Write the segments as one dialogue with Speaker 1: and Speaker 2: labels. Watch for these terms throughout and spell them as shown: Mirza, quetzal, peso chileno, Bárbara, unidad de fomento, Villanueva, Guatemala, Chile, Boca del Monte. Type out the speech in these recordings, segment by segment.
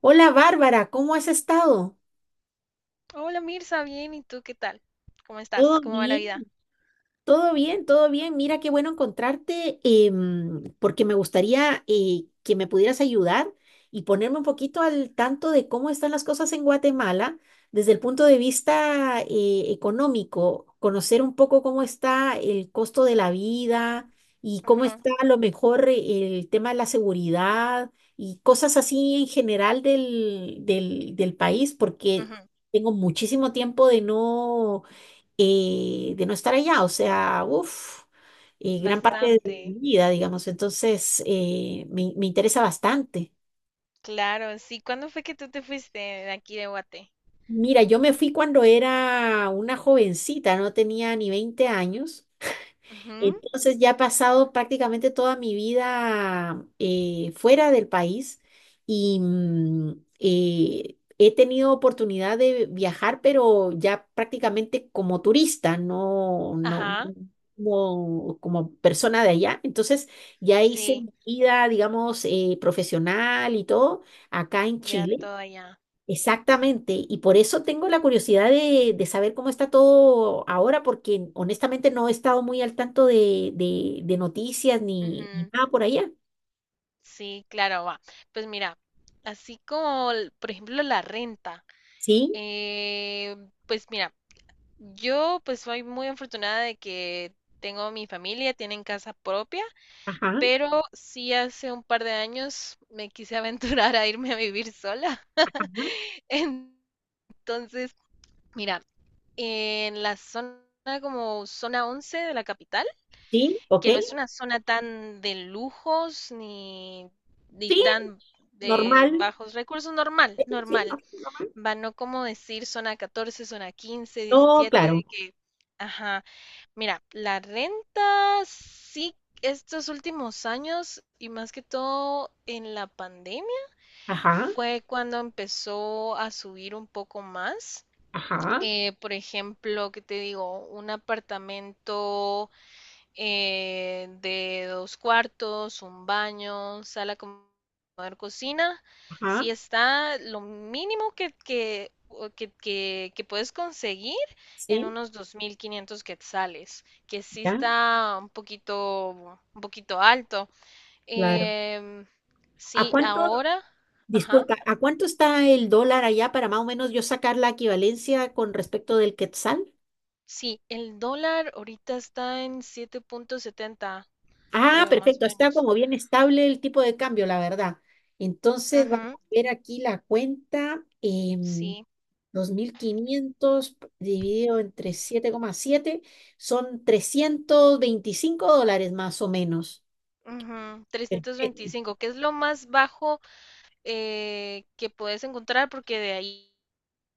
Speaker 1: Hola Bárbara, ¿cómo has estado?
Speaker 2: Hola Mirza, bien, ¿y tú qué tal? ¿Cómo estás?
Speaker 1: Todo
Speaker 2: ¿Cómo va la
Speaker 1: bien,
Speaker 2: vida?
Speaker 1: todo bien, todo bien. Mira, qué bueno encontrarte, porque me gustaría que me pudieras ayudar y ponerme un poquito al tanto de cómo están las cosas en Guatemala desde el punto de vista económico, conocer un poco cómo está el costo de la vida y cómo
Speaker 2: Ujú,
Speaker 1: está a lo mejor el tema de la seguridad y cosas así en general del país,
Speaker 2: ujú.
Speaker 1: porque tengo muchísimo tiempo de de no estar allá, o sea, uff, gran parte de
Speaker 2: Bastante.
Speaker 1: mi vida, digamos, entonces me interesa bastante.
Speaker 2: Claro, sí. ¿Cuándo fue que tú te fuiste de aquí de Guate?
Speaker 1: Mira, yo me fui cuando era una jovencita, no tenía ni 20 años.
Speaker 2: Ujú.
Speaker 1: Entonces ya he pasado prácticamente toda mi vida fuera del país y he tenido oportunidad de viajar, pero ya prácticamente como turista, no, no,
Speaker 2: Ajá,
Speaker 1: no como persona de allá. Entonces ya hice
Speaker 2: sí,
Speaker 1: mi vida, digamos, profesional y todo acá en
Speaker 2: ya
Speaker 1: Chile.
Speaker 2: todo allá.
Speaker 1: Exactamente, y por eso tengo la curiosidad de saber cómo está todo ahora, porque honestamente no he estado muy al tanto de noticias ni
Speaker 2: Ujú.
Speaker 1: nada por allá.
Speaker 2: Sí, claro, va. Pues mira, así como, por ejemplo, la renta.
Speaker 1: Sí,
Speaker 2: eh, pues mira, yo pues soy muy afortunada de que tengo mi familia, tienen casa propia.
Speaker 1: ajá,
Speaker 2: Pero sí, hace un par de años me quise aventurar a irme a vivir sola.
Speaker 1: ajá,
Speaker 2: Entonces, mira, en la zona como zona 11 de la capital,
Speaker 1: sí, ok,
Speaker 2: que no es una zona tan de lujos ni, ni
Speaker 1: sí,
Speaker 2: tan de
Speaker 1: normal.
Speaker 2: bajos recursos, normal,
Speaker 1: Sí, sí,
Speaker 2: normal.
Speaker 1: normal.
Speaker 2: Va, no como decir zona catorce, zona quince,
Speaker 1: No,
Speaker 2: diecisiete, de
Speaker 1: claro,
Speaker 2: que, ajá, mira, la renta sí, estos últimos años y más que todo en la pandemia
Speaker 1: ajá,
Speaker 2: fue cuando empezó a subir un poco más.
Speaker 1: ajá,
Speaker 2: Por ejemplo, ¿qué te digo? Un apartamento de dos cuartos, un baño, cocina, si
Speaker 1: ajá,
Speaker 2: está lo mínimo que, o que, que puedes conseguir en
Speaker 1: sí,
Speaker 2: unos 2.500 quetzales, que sí
Speaker 1: ya,
Speaker 2: está un poquito alto.
Speaker 1: claro.
Speaker 2: Em,
Speaker 1: ¿A
Speaker 2: sí,
Speaker 1: cuánto,
Speaker 2: ahora, ajá,
Speaker 1: Disculpa, ¿a cuánto está el dólar allá para más o menos yo sacar la equivalencia con respecto del quetzal?
Speaker 2: sí, el dólar ahorita está en siete punto setenta,
Speaker 1: Ah,
Speaker 2: creo, más o
Speaker 1: perfecto, está
Speaker 2: menos.
Speaker 1: como bien estable el tipo de cambio, la verdad. Entonces vamos a
Speaker 2: Ujú,
Speaker 1: ver aquí la cuenta.
Speaker 2: sí.
Speaker 1: 2.500 dividido entre 7,7 son 325 dólares más o menos.
Speaker 2: Ujú, trescientos
Speaker 1: Perfecto,
Speaker 2: veinticinco que es lo más bajo que puedes encontrar, porque de ahí.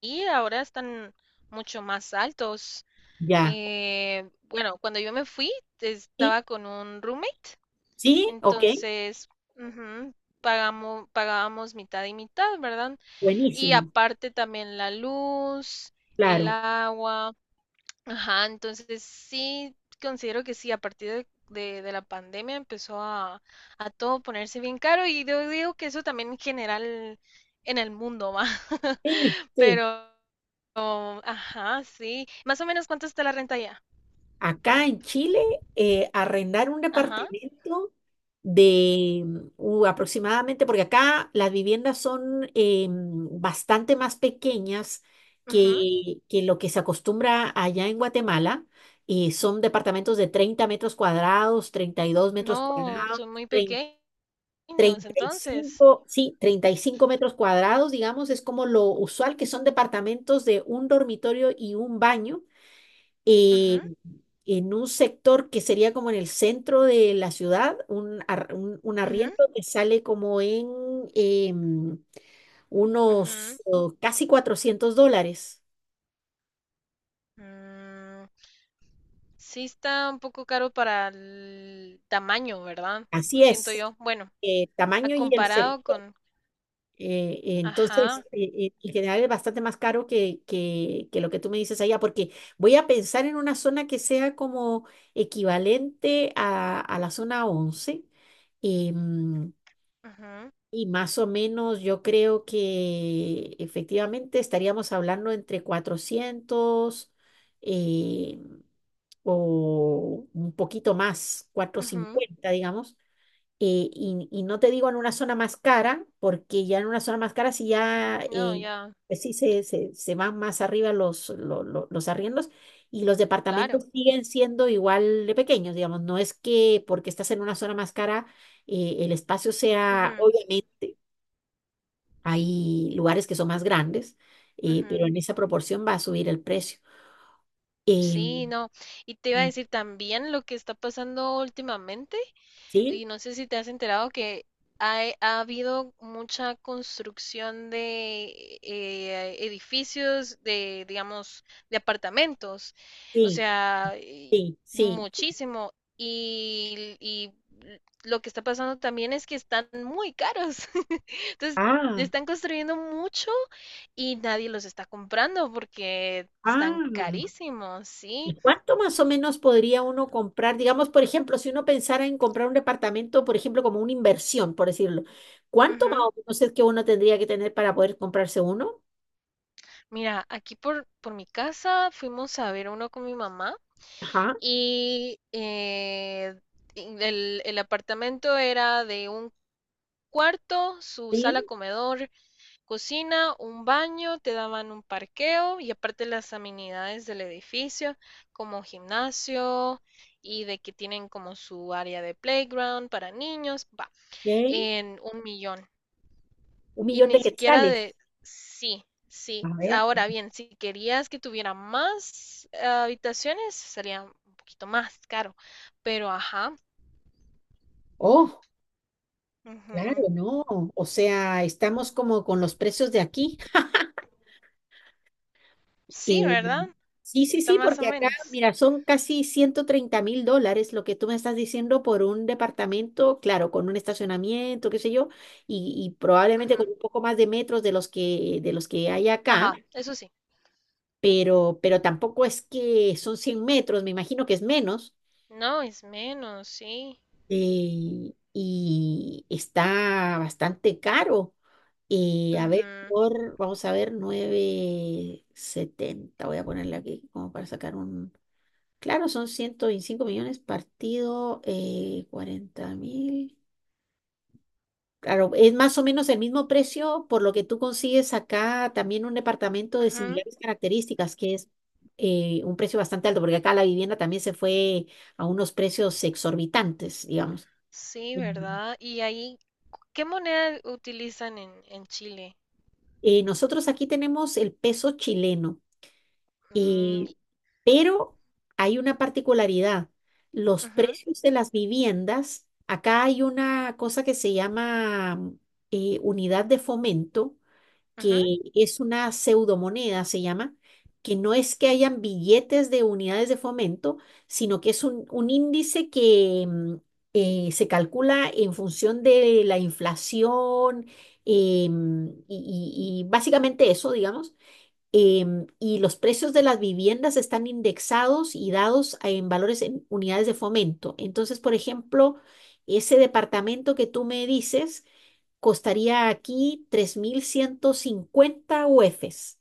Speaker 2: Y ahora están mucho más altos.
Speaker 1: ya.
Speaker 2: Bueno, cuando yo me fui,
Speaker 1: ¿Sí?
Speaker 2: estaba con un roommate,
Speaker 1: ¿Sí? Ok,
Speaker 2: entonces ujú, pagábamos mitad y mitad, ¿verdad? Y
Speaker 1: buenísimo,
Speaker 2: aparte también la luz, el
Speaker 1: claro.
Speaker 2: agua, ajá, entonces sí, considero que sí, a partir de, de la pandemia empezó a todo ponerse bien caro, y yo digo que eso también en general en el mundo va.
Speaker 1: Sí, sí.
Speaker 2: Pero... Oh, ajá, sí. Más o menos, ¿cuánto está la renta allá?
Speaker 1: Acá en Chile, arrendar un
Speaker 2: Ajá.
Speaker 1: departamento de aproximadamente, porque acá las viviendas son bastante más pequeñas
Speaker 2: Ujú.
Speaker 1: que lo que se acostumbra allá en Guatemala, y son departamentos de 30 metros cuadrados, 32 metros
Speaker 2: No,
Speaker 1: cuadrados,
Speaker 2: son muy
Speaker 1: trein-
Speaker 2: pequeños,
Speaker 1: treinta y
Speaker 2: entonces.
Speaker 1: cinco sí, 35 metros cuadrados, digamos, es como lo usual, que son departamentos de un dormitorio y un baño,
Speaker 2: Ujú,
Speaker 1: eh, en un sector que sería como en el centro de la ciudad, un
Speaker 2: ujú,
Speaker 1: arriendo que sale como en, em,
Speaker 2: ujú.
Speaker 1: unos, casi 400 dólares.
Speaker 2: Mm, sí está un poco caro para el tamaño, ¿verdad?
Speaker 1: Así
Speaker 2: Siento
Speaker 1: es,
Speaker 2: yo. Bueno, a
Speaker 1: tamaño y el
Speaker 2: comparado
Speaker 1: sector.
Speaker 2: con...
Speaker 1: Entonces,
Speaker 2: Ajá.
Speaker 1: en general es bastante más caro que, que lo que tú me dices allá, porque voy a pensar en una zona que sea como equivalente a la zona 11. em,
Speaker 2: Ujú,
Speaker 1: Y más o menos yo creo que efectivamente estaríamos hablando entre 400, eh, o un poquito más, cuatrocientos
Speaker 2: ujú.
Speaker 1: cincuenta digamos. Y no te digo en una zona más cara, porque ya en una zona más cara si ya
Speaker 2: No, ya,
Speaker 1: pues sí se van más arriba los arriendos y los
Speaker 2: claro.
Speaker 1: departamentos siguen siendo igual de pequeños, digamos. No es que porque estás en una zona más cara el espacio sea,
Speaker 2: Ujú,
Speaker 1: obviamente. Hay lugares que son más grandes,
Speaker 2: ujú.
Speaker 1: pero en esa proporción va a subir el precio.
Speaker 2: Sí,
Speaker 1: Em,
Speaker 2: no. Y te iba a
Speaker 1: mm,
Speaker 2: decir también lo que está pasando últimamente.
Speaker 1: sí,
Speaker 2: Y no sé si te has enterado que ha habido mucha construcción de edificios, de, digamos, de apartamentos, o
Speaker 1: sí,
Speaker 2: sea,
Speaker 1: sí, sí.
Speaker 2: muchísimo. Y lo que está pasando también es que están muy caros. Entonces,
Speaker 1: Ah,
Speaker 2: están construyendo mucho y nadie los está comprando porque están
Speaker 1: ah.
Speaker 2: carísimos,
Speaker 1: ¿Y
Speaker 2: sí.
Speaker 1: cuánto más o menos podría uno comprar? Digamos, por ejemplo, si uno pensara en comprar un departamento, por ejemplo, como una inversión, por decirlo, ¿cuánto más o menos es que uno tendría que tener para poder comprarse uno?
Speaker 2: Mira, aquí por mi casa fuimos a ver uno con mi mamá
Speaker 1: Ajá,
Speaker 2: y en el apartamento era de un cuarto, su sala
Speaker 1: sí,
Speaker 2: comedor, cocina, un baño, te daban un parqueo y aparte las amenidades del edificio, como gimnasio y de que tienen como su área de playground para niños, va,
Speaker 1: ok.
Speaker 2: en un millón.
Speaker 1: Un
Speaker 2: Y
Speaker 1: millón
Speaker 2: ni
Speaker 1: de
Speaker 2: siquiera
Speaker 1: quetzales.
Speaker 2: de, sí,
Speaker 1: A
Speaker 2: sí.
Speaker 1: ver.
Speaker 2: Ahora bien, si querías que tuviera más habitaciones, sería un poquito más caro. Pero, ajá,
Speaker 1: Oh, claro,
Speaker 2: ujú.
Speaker 1: no. O sea, estamos como con los precios de aquí.
Speaker 2: Sí,
Speaker 1: Eh,
Speaker 2: ¿verdad?
Speaker 1: sí, sí,
Speaker 2: Está
Speaker 1: sí,
Speaker 2: más o
Speaker 1: porque acá,
Speaker 2: menos.
Speaker 1: mira, son casi 130.000 dólares lo que tú me estás diciendo por un departamento, claro, con un estacionamiento, qué sé yo, y probablemente con
Speaker 2: Ujú.
Speaker 1: un poco más de metros de los que hay acá,
Speaker 2: Ajá, eso sí.
Speaker 1: pero tampoco es que son 100 metros, me imagino que es menos,
Speaker 2: No, es menos, sí.
Speaker 1: y está bastante caro. A ver,
Speaker 2: Ujú,
Speaker 1: vamos a ver, 970 voy a ponerle aquí como para sacar un... Claro, son 125 millones partido 40 mil. Claro, es más o menos el mismo precio por lo que tú consigues acá también un departamento de
Speaker 2: ujú.
Speaker 1: similares características, que es un precio bastante alto, porque acá la vivienda también se fue a unos precios exorbitantes, digamos.
Speaker 2: Sí,
Speaker 1: Ujú.
Speaker 2: ¿verdad? Y ahí, ¿qué moneda utilizan en Chile?
Speaker 1: Nosotros aquí tenemos el peso chileno.
Speaker 2: Mm,
Speaker 1: Eh, pero hay una particularidad. Los
Speaker 2: ujú,
Speaker 1: precios de las viviendas, acá hay una cosa que se llama unidad de fomento,
Speaker 2: ujú,
Speaker 1: que es una pseudomoneda, se llama, que no es que hayan billetes de unidades de fomento, sino que es un índice que se calcula en función de la inflación, y básicamente eso, digamos. Y los precios de las viviendas están indexados y dados en valores en unidades de fomento. Entonces, por ejemplo, ese departamento que tú me dices costaría aquí 3.150 UFs,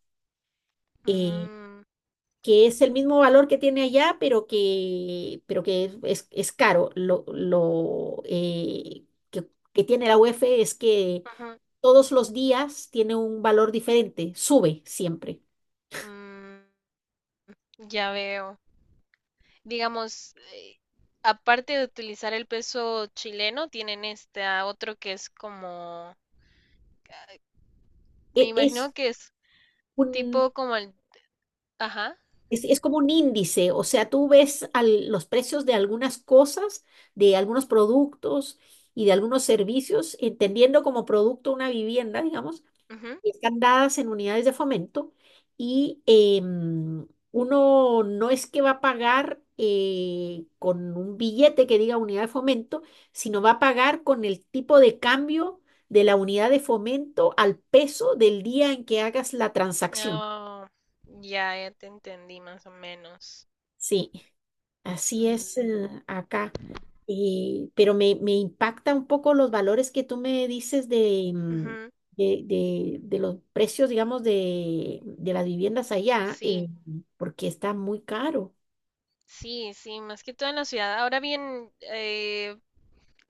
Speaker 1: eh,
Speaker 2: mm,
Speaker 1: que es el mismo valor que tiene allá, pero que es caro. Lo que tiene la UF es que
Speaker 2: ujú,
Speaker 1: todos los días tiene un valor diferente, sube siempre.
Speaker 2: mm, ya veo. Digamos, aparte de utilizar el peso chileno, tienen este ah, otro que es como, me
Speaker 1: E-
Speaker 2: imagino
Speaker 1: Es,
Speaker 2: que es
Speaker 1: un,
Speaker 2: tipo como el, ajá,
Speaker 1: es como un índice, o sea, tú ves los precios de algunas cosas, de algunos productos y de algunos servicios, entendiendo como producto una vivienda, digamos,
Speaker 2: ujú.
Speaker 1: y están dadas en unidades de fomento y uno no es que va a pagar con un billete que diga unidad de fomento, sino va a pagar con el tipo de cambio de la unidad de fomento al peso del día en que hagas la transacción.
Speaker 2: Ah, ya, ya te entendí más o menos.
Speaker 1: Sí. Así es,
Speaker 2: Mm,
Speaker 1: acá. Pero me impacta un poco los valores que tú me dices de, mm,
Speaker 2: ujú.
Speaker 1: de, de- de los precios, digamos, de las viviendas allá,
Speaker 2: Sí,
Speaker 1: porque está muy caro.
Speaker 2: sí, sí, más que todo en la ciudad. Ahora bien,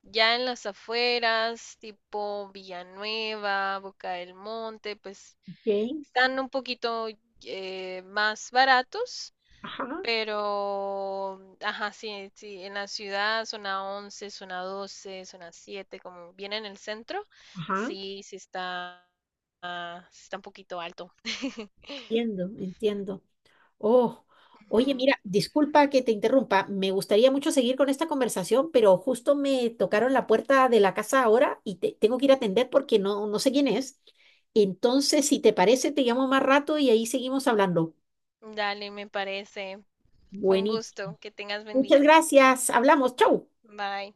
Speaker 2: ya en las afueras, tipo Villanueva, Boca del Monte, pues
Speaker 1: Ok,
Speaker 2: están un poquito más baratos.
Speaker 1: ajá,
Speaker 2: Pero, ajá, sí, sí, en la ciudad zona 11, zona 12, zona 7 como viene en el centro,
Speaker 1: ajá.
Speaker 2: sí, sí está, ah, sí está un poquito alto.
Speaker 1: Entiendo, entiendo. Oh, oye,
Speaker 2: Ujú.
Speaker 1: mira, disculpa que te interrumpa. Me gustaría mucho seguir con esta conversación, pero justo me tocaron la puerta de la casa ahora y tengo que ir a atender porque no, no sé quién es. Entonces, si te parece, te llamo más rato y ahí seguimos hablando.
Speaker 2: Dale, me parece. Fue un
Speaker 1: Buenísimo.
Speaker 2: gusto. Que tengas buen
Speaker 1: Muchas
Speaker 2: día.
Speaker 1: gracias. Hablamos. Chau.
Speaker 2: Bye.